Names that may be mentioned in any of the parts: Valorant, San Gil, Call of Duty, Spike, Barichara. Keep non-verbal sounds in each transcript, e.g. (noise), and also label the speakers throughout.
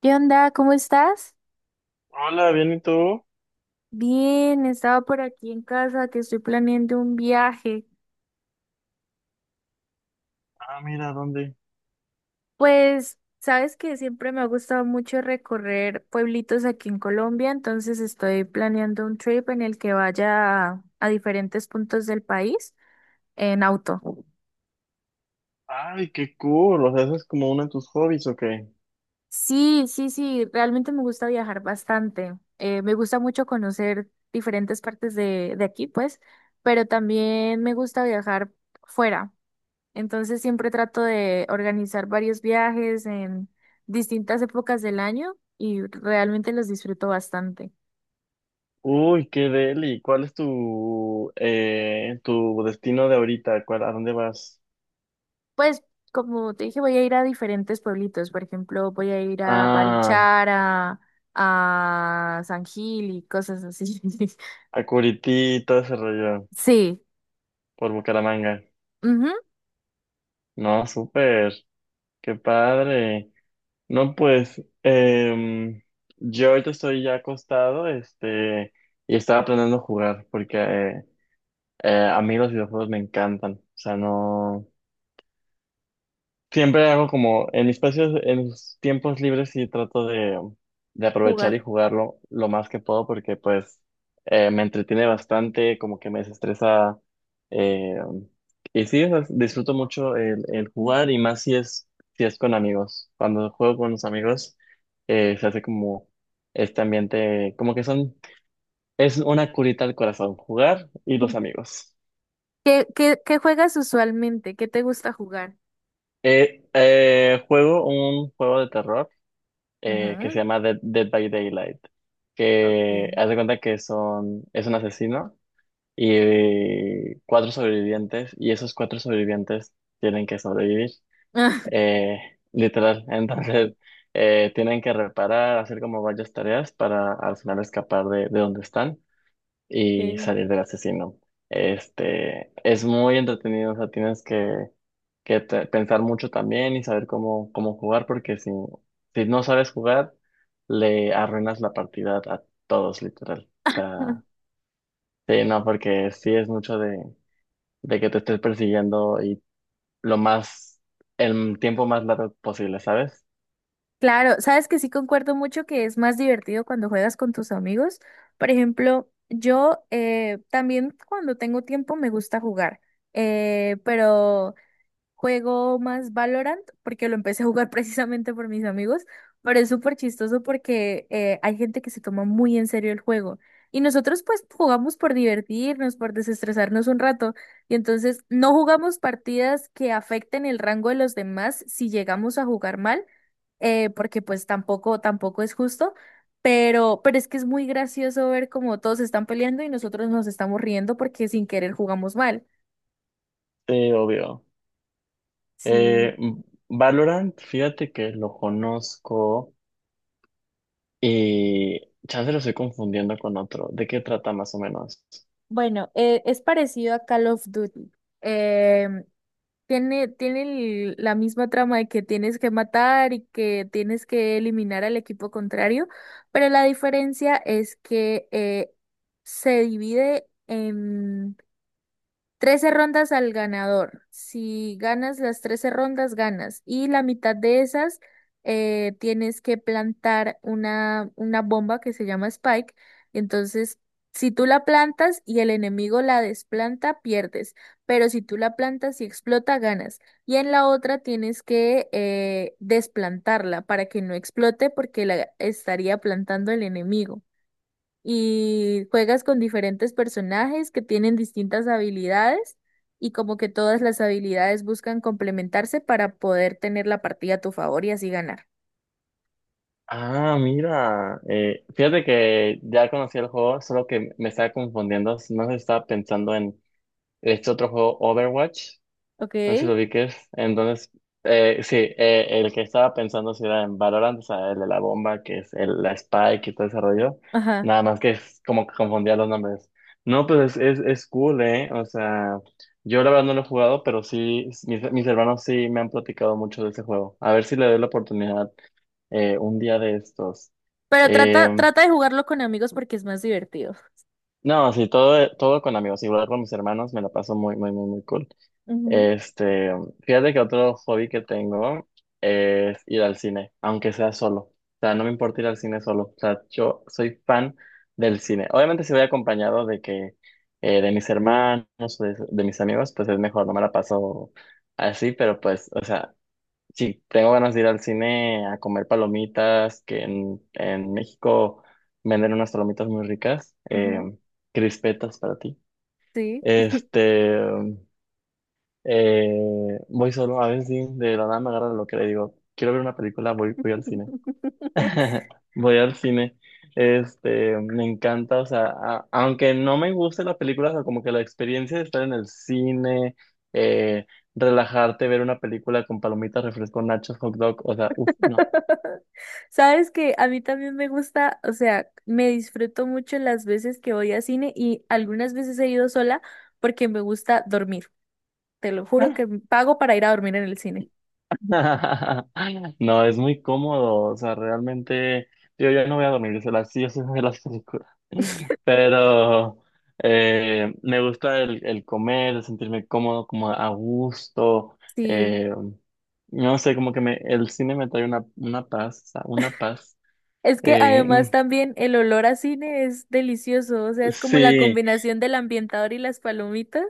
Speaker 1: ¿Qué onda? ¿Cómo estás?
Speaker 2: Hola, bien, ¿y tú?
Speaker 1: Bien, estaba por aquí en casa que estoy planeando un viaje.
Speaker 2: Ah, mira, ¿dónde?
Speaker 1: Pues, sabes que siempre me ha gustado mucho recorrer pueblitos aquí en Colombia, entonces estoy planeando un trip en el que vaya a diferentes puntos del país en auto.
Speaker 2: Ay, qué cool. O sea, ¿eso es como uno de tus hobbies o qué?
Speaker 1: Sí, sí, sí, realmente me gusta viajar bastante. Me gusta mucho conocer diferentes partes de aquí, pues, pero también me gusta viajar fuera. Entonces siempre trato de organizar varios viajes en distintas épocas del año y realmente los disfruto bastante.
Speaker 2: Uy, qué deli. ¿Cuál es tu destino de ahorita? ¿Cuál, a dónde vas?
Speaker 1: Pues como te dije, voy a ir a diferentes pueblitos. Por ejemplo, voy a ir a
Speaker 2: Ah,
Speaker 1: Barichara, a San Gil y cosas así. (laughs)
Speaker 2: a Curití, todo ese rollo,
Speaker 1: Sí,
Speaker 2: por Bucaramanga.
Speaker 1: ujú,
Speaker 2: No, súper. Qué padre. No, pues yo ahorita estoy ya acostado, este, y estaba aprendiendo a jugar, porque a mí los videojuegos me encantan. O sea, no. Siempre hago como en mis espacios, en mis tiempos libres sí trato de aprovechar
Speaker 1: Jugar.
Speaker 2: y jugarlo lo más que puedo porque pues me entretiene bastante, como que me desestresa eh, y sí, o sea, disfruto mucho el jugar y más si es con amigos. Cuando juego con los amigos se hace como este ambiente, como que son, es una curita al corazón, jugar y los amigos.
Speaker 1: ¿Qué juegas usualmente? ¿Qué te gusta jugar?
Speaker 2: Juego un juego de terror que se
Speaker 1: Ujú,
Speaker 2: llama Dead by Daylight, que
Speaker 1: ok.
Speaker 2: haz de cuenta que son, es un asesino y cuatro sobrevivientes, y esos cuatro sobrevivientes tienen que sobrevivir,
Speaker 1: (laughs)
Speaker 2: eh, literal. (laughs) Entonces, tienen que reparar, hacer como varias tareas para al final escapar de donde están y
Speaker 1: Ok.
Speaker 2: salir del asesino. Este, es muy entretenido, o sea, tienes que pensar mucho también y saber cómo jugar, porque si no sabes jugar, le arruinas la partida a todos, literal. O sea,
Speaker 1: (laughs)
Speaker 2: sí, no, porque sí es mucho de que te estés persiguiendo y lo más, el tiempo más largo posible, ¿sabes?
Speaker 1: Claro, sabes que sí concuerdo mucho que es más divertido cuando juegas con tus amigos. Por ejemplo, yo también cuando tengo tiempo me gusta jugar, pero juego más Valorant porque lo empecé a jugar (laughs) precisamente por mis amigos, pero es súper chistoso porque hay gente que se toma muy en serio el juego y nosotros pues jugamos por divertirnos, por desestresarnos un rato y entonces no jugamos partidas que afecten el rango de los demás si llegamos a jugar mal, porque pues tampoco, tampoco es justo. Pero es que es muy gracioso ver cómo todos están peleando y nosotros nos estamos riendo porque sin querer jugamos mal.
Speaker 2: Sí, obvio.
Speaker 1: Sí.
Speaker 2: Eh, Valorant, fíjate que lo conozco. Y chance lo estoy confundiendo con otro. ¿De qué trata más o menos?
Speaker 1: Bueno, es parecido a Call of Duty. Em, tiene la misma trama de que tienes que matar y que tienes que eliminar al equipo contrario, pero la diferencia es que se divide trece rondas al ganador. Si ganas las 13 rondas, ganas. Y la mitad de esas tienes que plantar una bomba que se llama Spike. Entonces, si tú la plantas y el enemigo la desplanta, pierdes. Pero si tú la plantas y explota, ganas. Y en la otra tienes que desplantarla para que no explote porque la estaría plantando el enemigo y juegas con diferentes personajes que tienen distintas habilidades y como que todas las habilidades buscan complementarse para poder tener la partida a tu favor y así ganar.
Speaker 2: Ah, mira, fíjate que ya conocí el juego, solo que me estaba confundiendo. No se estaba pensando en este otro juego, Overwatch.
Speaker 1: Ok,
Speaker 2: No sé si lo ubiques. Entonces, sí, el que estaba pensando si era en Valorant, o sea, el de la bomba, que es el, la Spike y todo ese rollo.
Speaker 1: ajá.
Speaker 2: Nada más que es como que confundía los nombres. No, pues es cool, ¿eh? O sea, yo la verdad no lo he jugado, pero sí, mis hermanos sí me han platicado mucho de ese juego. A ver si le doy la oportunidad un día de estos.
Speaker 1: Pero trata,
Speaker 2: Eh,
Speaker 1: trata de jugarlo con amigos porque es más divertido.
Speaker 2: no, sí, todo, todo con amigos. Igual con mis hermanos me la paso muy, muy, muy, muy cool. Este, fíjate que otro hobby que tengo es ir al cine, aunque sea solo. O sea, no me importa ir al cine solo. O sea, yo soy fan del cine. Obviamente si voy acompañado de mis hermanos o de mis amigos, pues es mejor, no me la paso así, pero pues, o sea, si tengo ganas de ir al cine a comer palomitas, que en México venden unas palomitas muy ricas,
Speaker 1: Ujú, ujú,
Speaker 2: crispetas para ti.
Speaker 1: sí.
Speaker 2: Este, eh, voy solo a ver si de la nada me agarra lo que le digo. Quiero ver una película, voy al cine.
Speaker 1: (laughs)
Speaker 2: (laughs) Voy al cine. Este, me encanta, o sea, aunque no me guste la película, o sea, como que la experiencia de estar en el cine, eh, relajarte, ver una película con palomitas, refresco, nachos, hot dog, o sea, uff, no.
Speaker 1: Sabes que a mí también me gusta, o sea, me disfruto mucho las veces que voy a cine y algunas veces he ido sola porque me gusta dormir. Te lo juro que pago para ir a dormir en el cine.
Speaker 2: (laughs) No, es muy cómodo, o sea, realmente yo ya no voy a dormir, se las, yo sé de las películas, pero me gusta el comer, el sentirme cómodo, como a gusto,
Speaker 1: Sí.
Speaker 2: eh, no sé, como que me, el cine me trae una paz, una paz.
Speaker 1: Es que además
Speaker 2: Mm,
Speaker 1: también el olor a cine es delicioso. O sea, es como la
Speaker 2: sí,
Speaker 1: combinación del ambientador y las palomitas.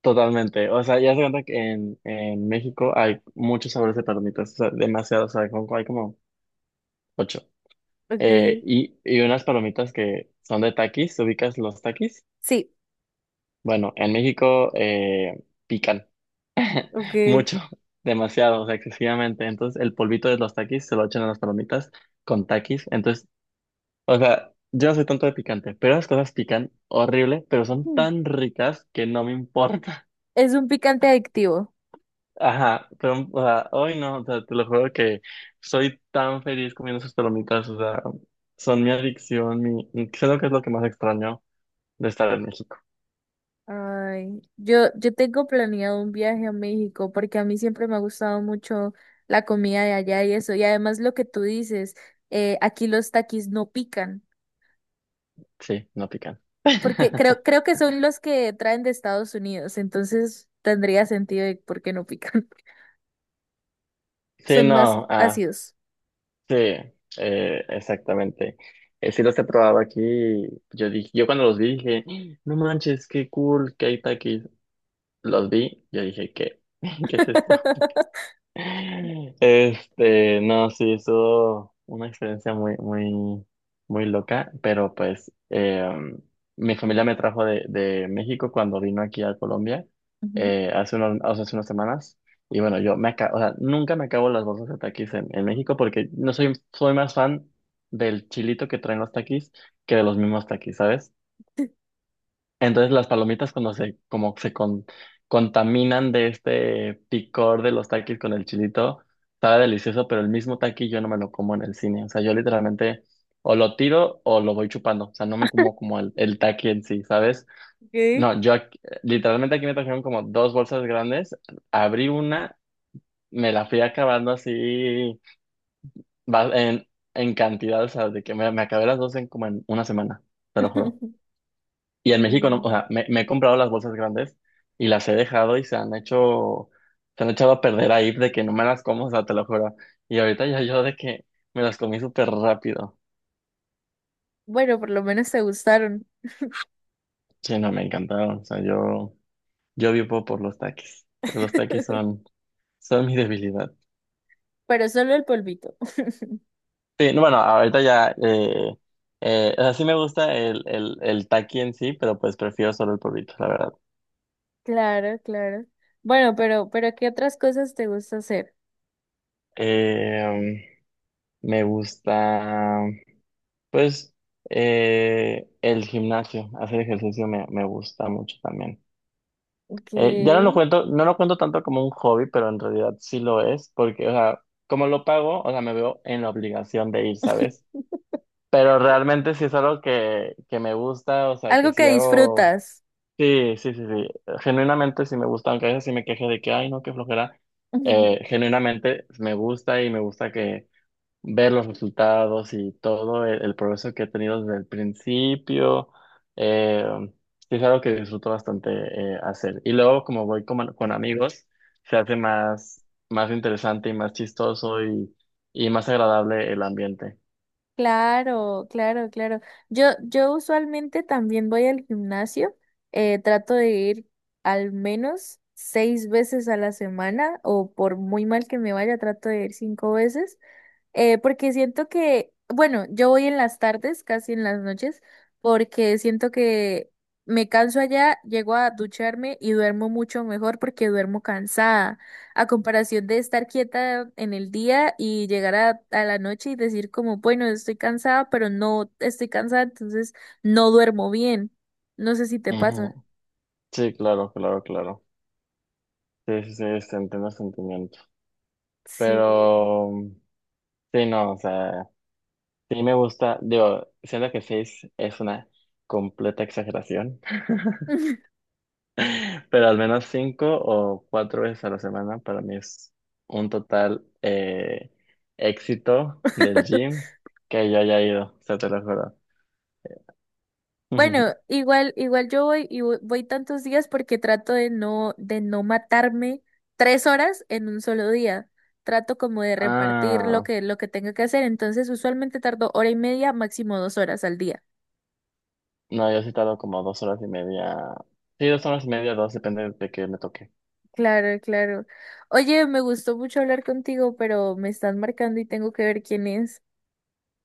Speaker 2: totalmente, o sea, ya se cuenta que en México hay muchos sabores de palomitas, o sea, demasiados, o sea, hay como ocho.
Speaker 1: Okay,
Speaker 2: Y unas palomitas que son de takis, ¿ubicas los takis?
Speaker 1: sí,
Speaker 2: Bueno, en México pican
Speaker 1: okay.
Speaker 2: mucho, (laughs) demasiado, o sea, excesivamente. Entonces, el polvito de los takis se lo echan a las palomitas con takis. Entonces, o sea, yo no soy tanto de picante, pero las cosas pican horrible, pero son
Speaker 1: Mm.
Speaker 2: tan ricas que no me importa. (laughs)
Speaker 1: Es un picante adictivo.
Speaker 2: Ajá, pero, o sea, hoy no, o sea, te lo juro que soy tan feliz comiendo esas palomitas, o sea, son mi adicción, mi, creo que es lo que más extraño de estar en México.
Speaker 1: Ay, yo tengo planeado un viaje a México porque a mí siempre me ha gustado mucho la comida de allá y eso. Y además lo que tú dices, aquí los taquis no pican.
Speaker 2: Sí, no pican.
Speaker 1: Porque creo,
Speaker 2: (laughs)
Speaker 1: creo que son los que traen de Estados Unidos, entonces tendría sentido de por qué no pican. (laughs)
Speaker 2: Sí,
Speaker 1: Son más
Speaker 2: no, ah,
Speaker 1: ácidos.
Speaker 2: sí, exactamente. Sí los he probado aquí. Yo dije, yo cuando los vi dije, no manches, qué cool que hay taquis. Los vi, yo dije, ¿qué? (laughs) ¿Qué es esto?
Speaker 1: (laughs)
Speaker 2: Este, no, sí, estuvo una experiencia muy, muy, muy loca, pero pues mi familia me trajo de México cuando vino aquí a Colombia
Speaker 1: Ujú.
Speaker 2: hace unos, o sea, hace unas semanas. Y bueno, yo me acabo, o sea, nunca me acabo las bolsas de taquis en México porque no soy, soy más fan del chilito que traen los taquis que de los mismos taquis, ¿sabes? Entonces las palomitas cuando como se contaminan de este picor de los takis con el chilito, estaba delicioso, pero el mismo taqui yo no me lo como en el cine. O sea, yo literalmente o lo tiro o lo voy chupando. O sea, no me como como el taqui en sí, ¿sabes?
Speaker 1: Ok.
Speaker 2: No, yo literalmente aquí me trajeron como dos bolsas grandes, abrí una, me la fui acabando así va- en, en cantidad, o sea, de que me acabé las dos en como en una semana, te lo juro.
Speaker 1: (laughs)
Speaker 2: Y en México, no, o
Speaker 1: Mm,
Speaker 2: sea, me he comprado las bolsas grandes y las he dejado y se han hecho, se han echado a perder ahí de que no me las como, o sea, te lo juro. Y ahorita ya yo de que me las comí súper rápido.
Speaker 1: bueno, por lo menos te gustaron.
Speaker 2: Sí, no, me encantaron. O sea, yo vivo por los taquis. Los taquis
Speaker 1: (laughs)
Speaker 2: son mi debilidad.
Speaker 1: Pero solo el polvito. (laughs)
Speaker 2: Sí, no, bueno, ahorita ya, o sea, sí me gusta el taqui en sí, pero pues prefiero solo el polvito, la verdad.
Speaker 1: Claro, claro. Bueno, pero ¿qué otras cosas te gusta hacer?
Speaker 2: Eh, me gusta. Pues el gimnasio, hacer ejercicio me gusta mucho también. Ya no
Speaker 1: ¿Qué?
Speaker 2: lo cuento, no lo cuento tanto como un hobby, pero en realidad sí lo es, porque, o sea, como lo pago, o sea, me veo en la obligación de ir, ¿sabes?
Speaker 1: (laughs)
Speaker 2: Pero realmente sí es algo que me gusta, o sea, que
Speaker 1: Algo
Speaker 2: sí
Speaker 1: que
Speaker 2: hago,
Speaker 1: disfrutas.
Speaker 2: sí, sí, sí, sí, genuinamente sí me gusta, aunque a veces sí me queje de que, ay, no, qué flojera,
Speaker 1: (laughs)
Speaker 2: genuinamente me gusta y me gusta que ver los resultados y todo el progreso que he tenido desde el principio. eh, sí es algo que disfruto bastante hacer. Y luego, como voy con amigos, se hace más interesante y más chistoso y más agradable el ambiente.
Speaker 1: Claro, claro, claro. Yo usualmente también voy al gimnasio. Trato de ir al menos seis veces a la semana o por muy mal que me vaya, trato de ir cinco veces. Porque siento que, bueno, yo voy en las tardes, casi en las noches, porque siento que me canso allá, llego a ducharme y duermo mucho mejor porque duermo cansada, a comparación de estar quieta en el día y llegar a la noche y decir como, bueno, estoy cansada, pero no estoy cansada, entonces no duermo bien. No sé si te pasa.
Speaker 2: Ujú. Sí, claro, claro, claro. Sí, sí, sí, se entiende el sentimiento.
Speaker 1: Sí.
Speaker 2: Pero, sí, no, o sea, sí me gusta, digo, siento que seis es una completa exageración. Pero al menos cinco o cuatro veces a la semana para mí es un total éxito del
Speaker 1: (laughs)
Speaker 2: gym que yo haya ido, o sea, te lo juro.
Speaker 1: Bueno,
Speaker 2: (laughs)
Speaker 1: igual yo voy y voy tantos días porque trato de no matarme 3 horas en un solo día. Trato como de repartir lo
Speaker 2: Ah,
Speaker 1: que, lo que tenga que hacer. Entonces, usualmente tardo hora y media, máximo 2 horas al día.
Speaker 2: no, yo he citado como 2 horas y media. Sí, 2 horas y media, dos, depende de que me toque.
Speaker 1: Claro, claro. Oye, me gustó mucho hablar contigo, pero me están marcando y tengo que ver quién es.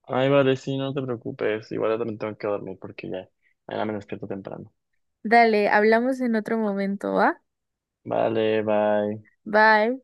Speaker 2: Ay, vale, sí, no te preocupes. Igual yo también tengo que dormir porque ya mañana me despierto temprano.
Speaker 1: Dale, hablamos en otro momento, ¿va?
Speaker 2: Vale, bye.
Speaker 1: Bye.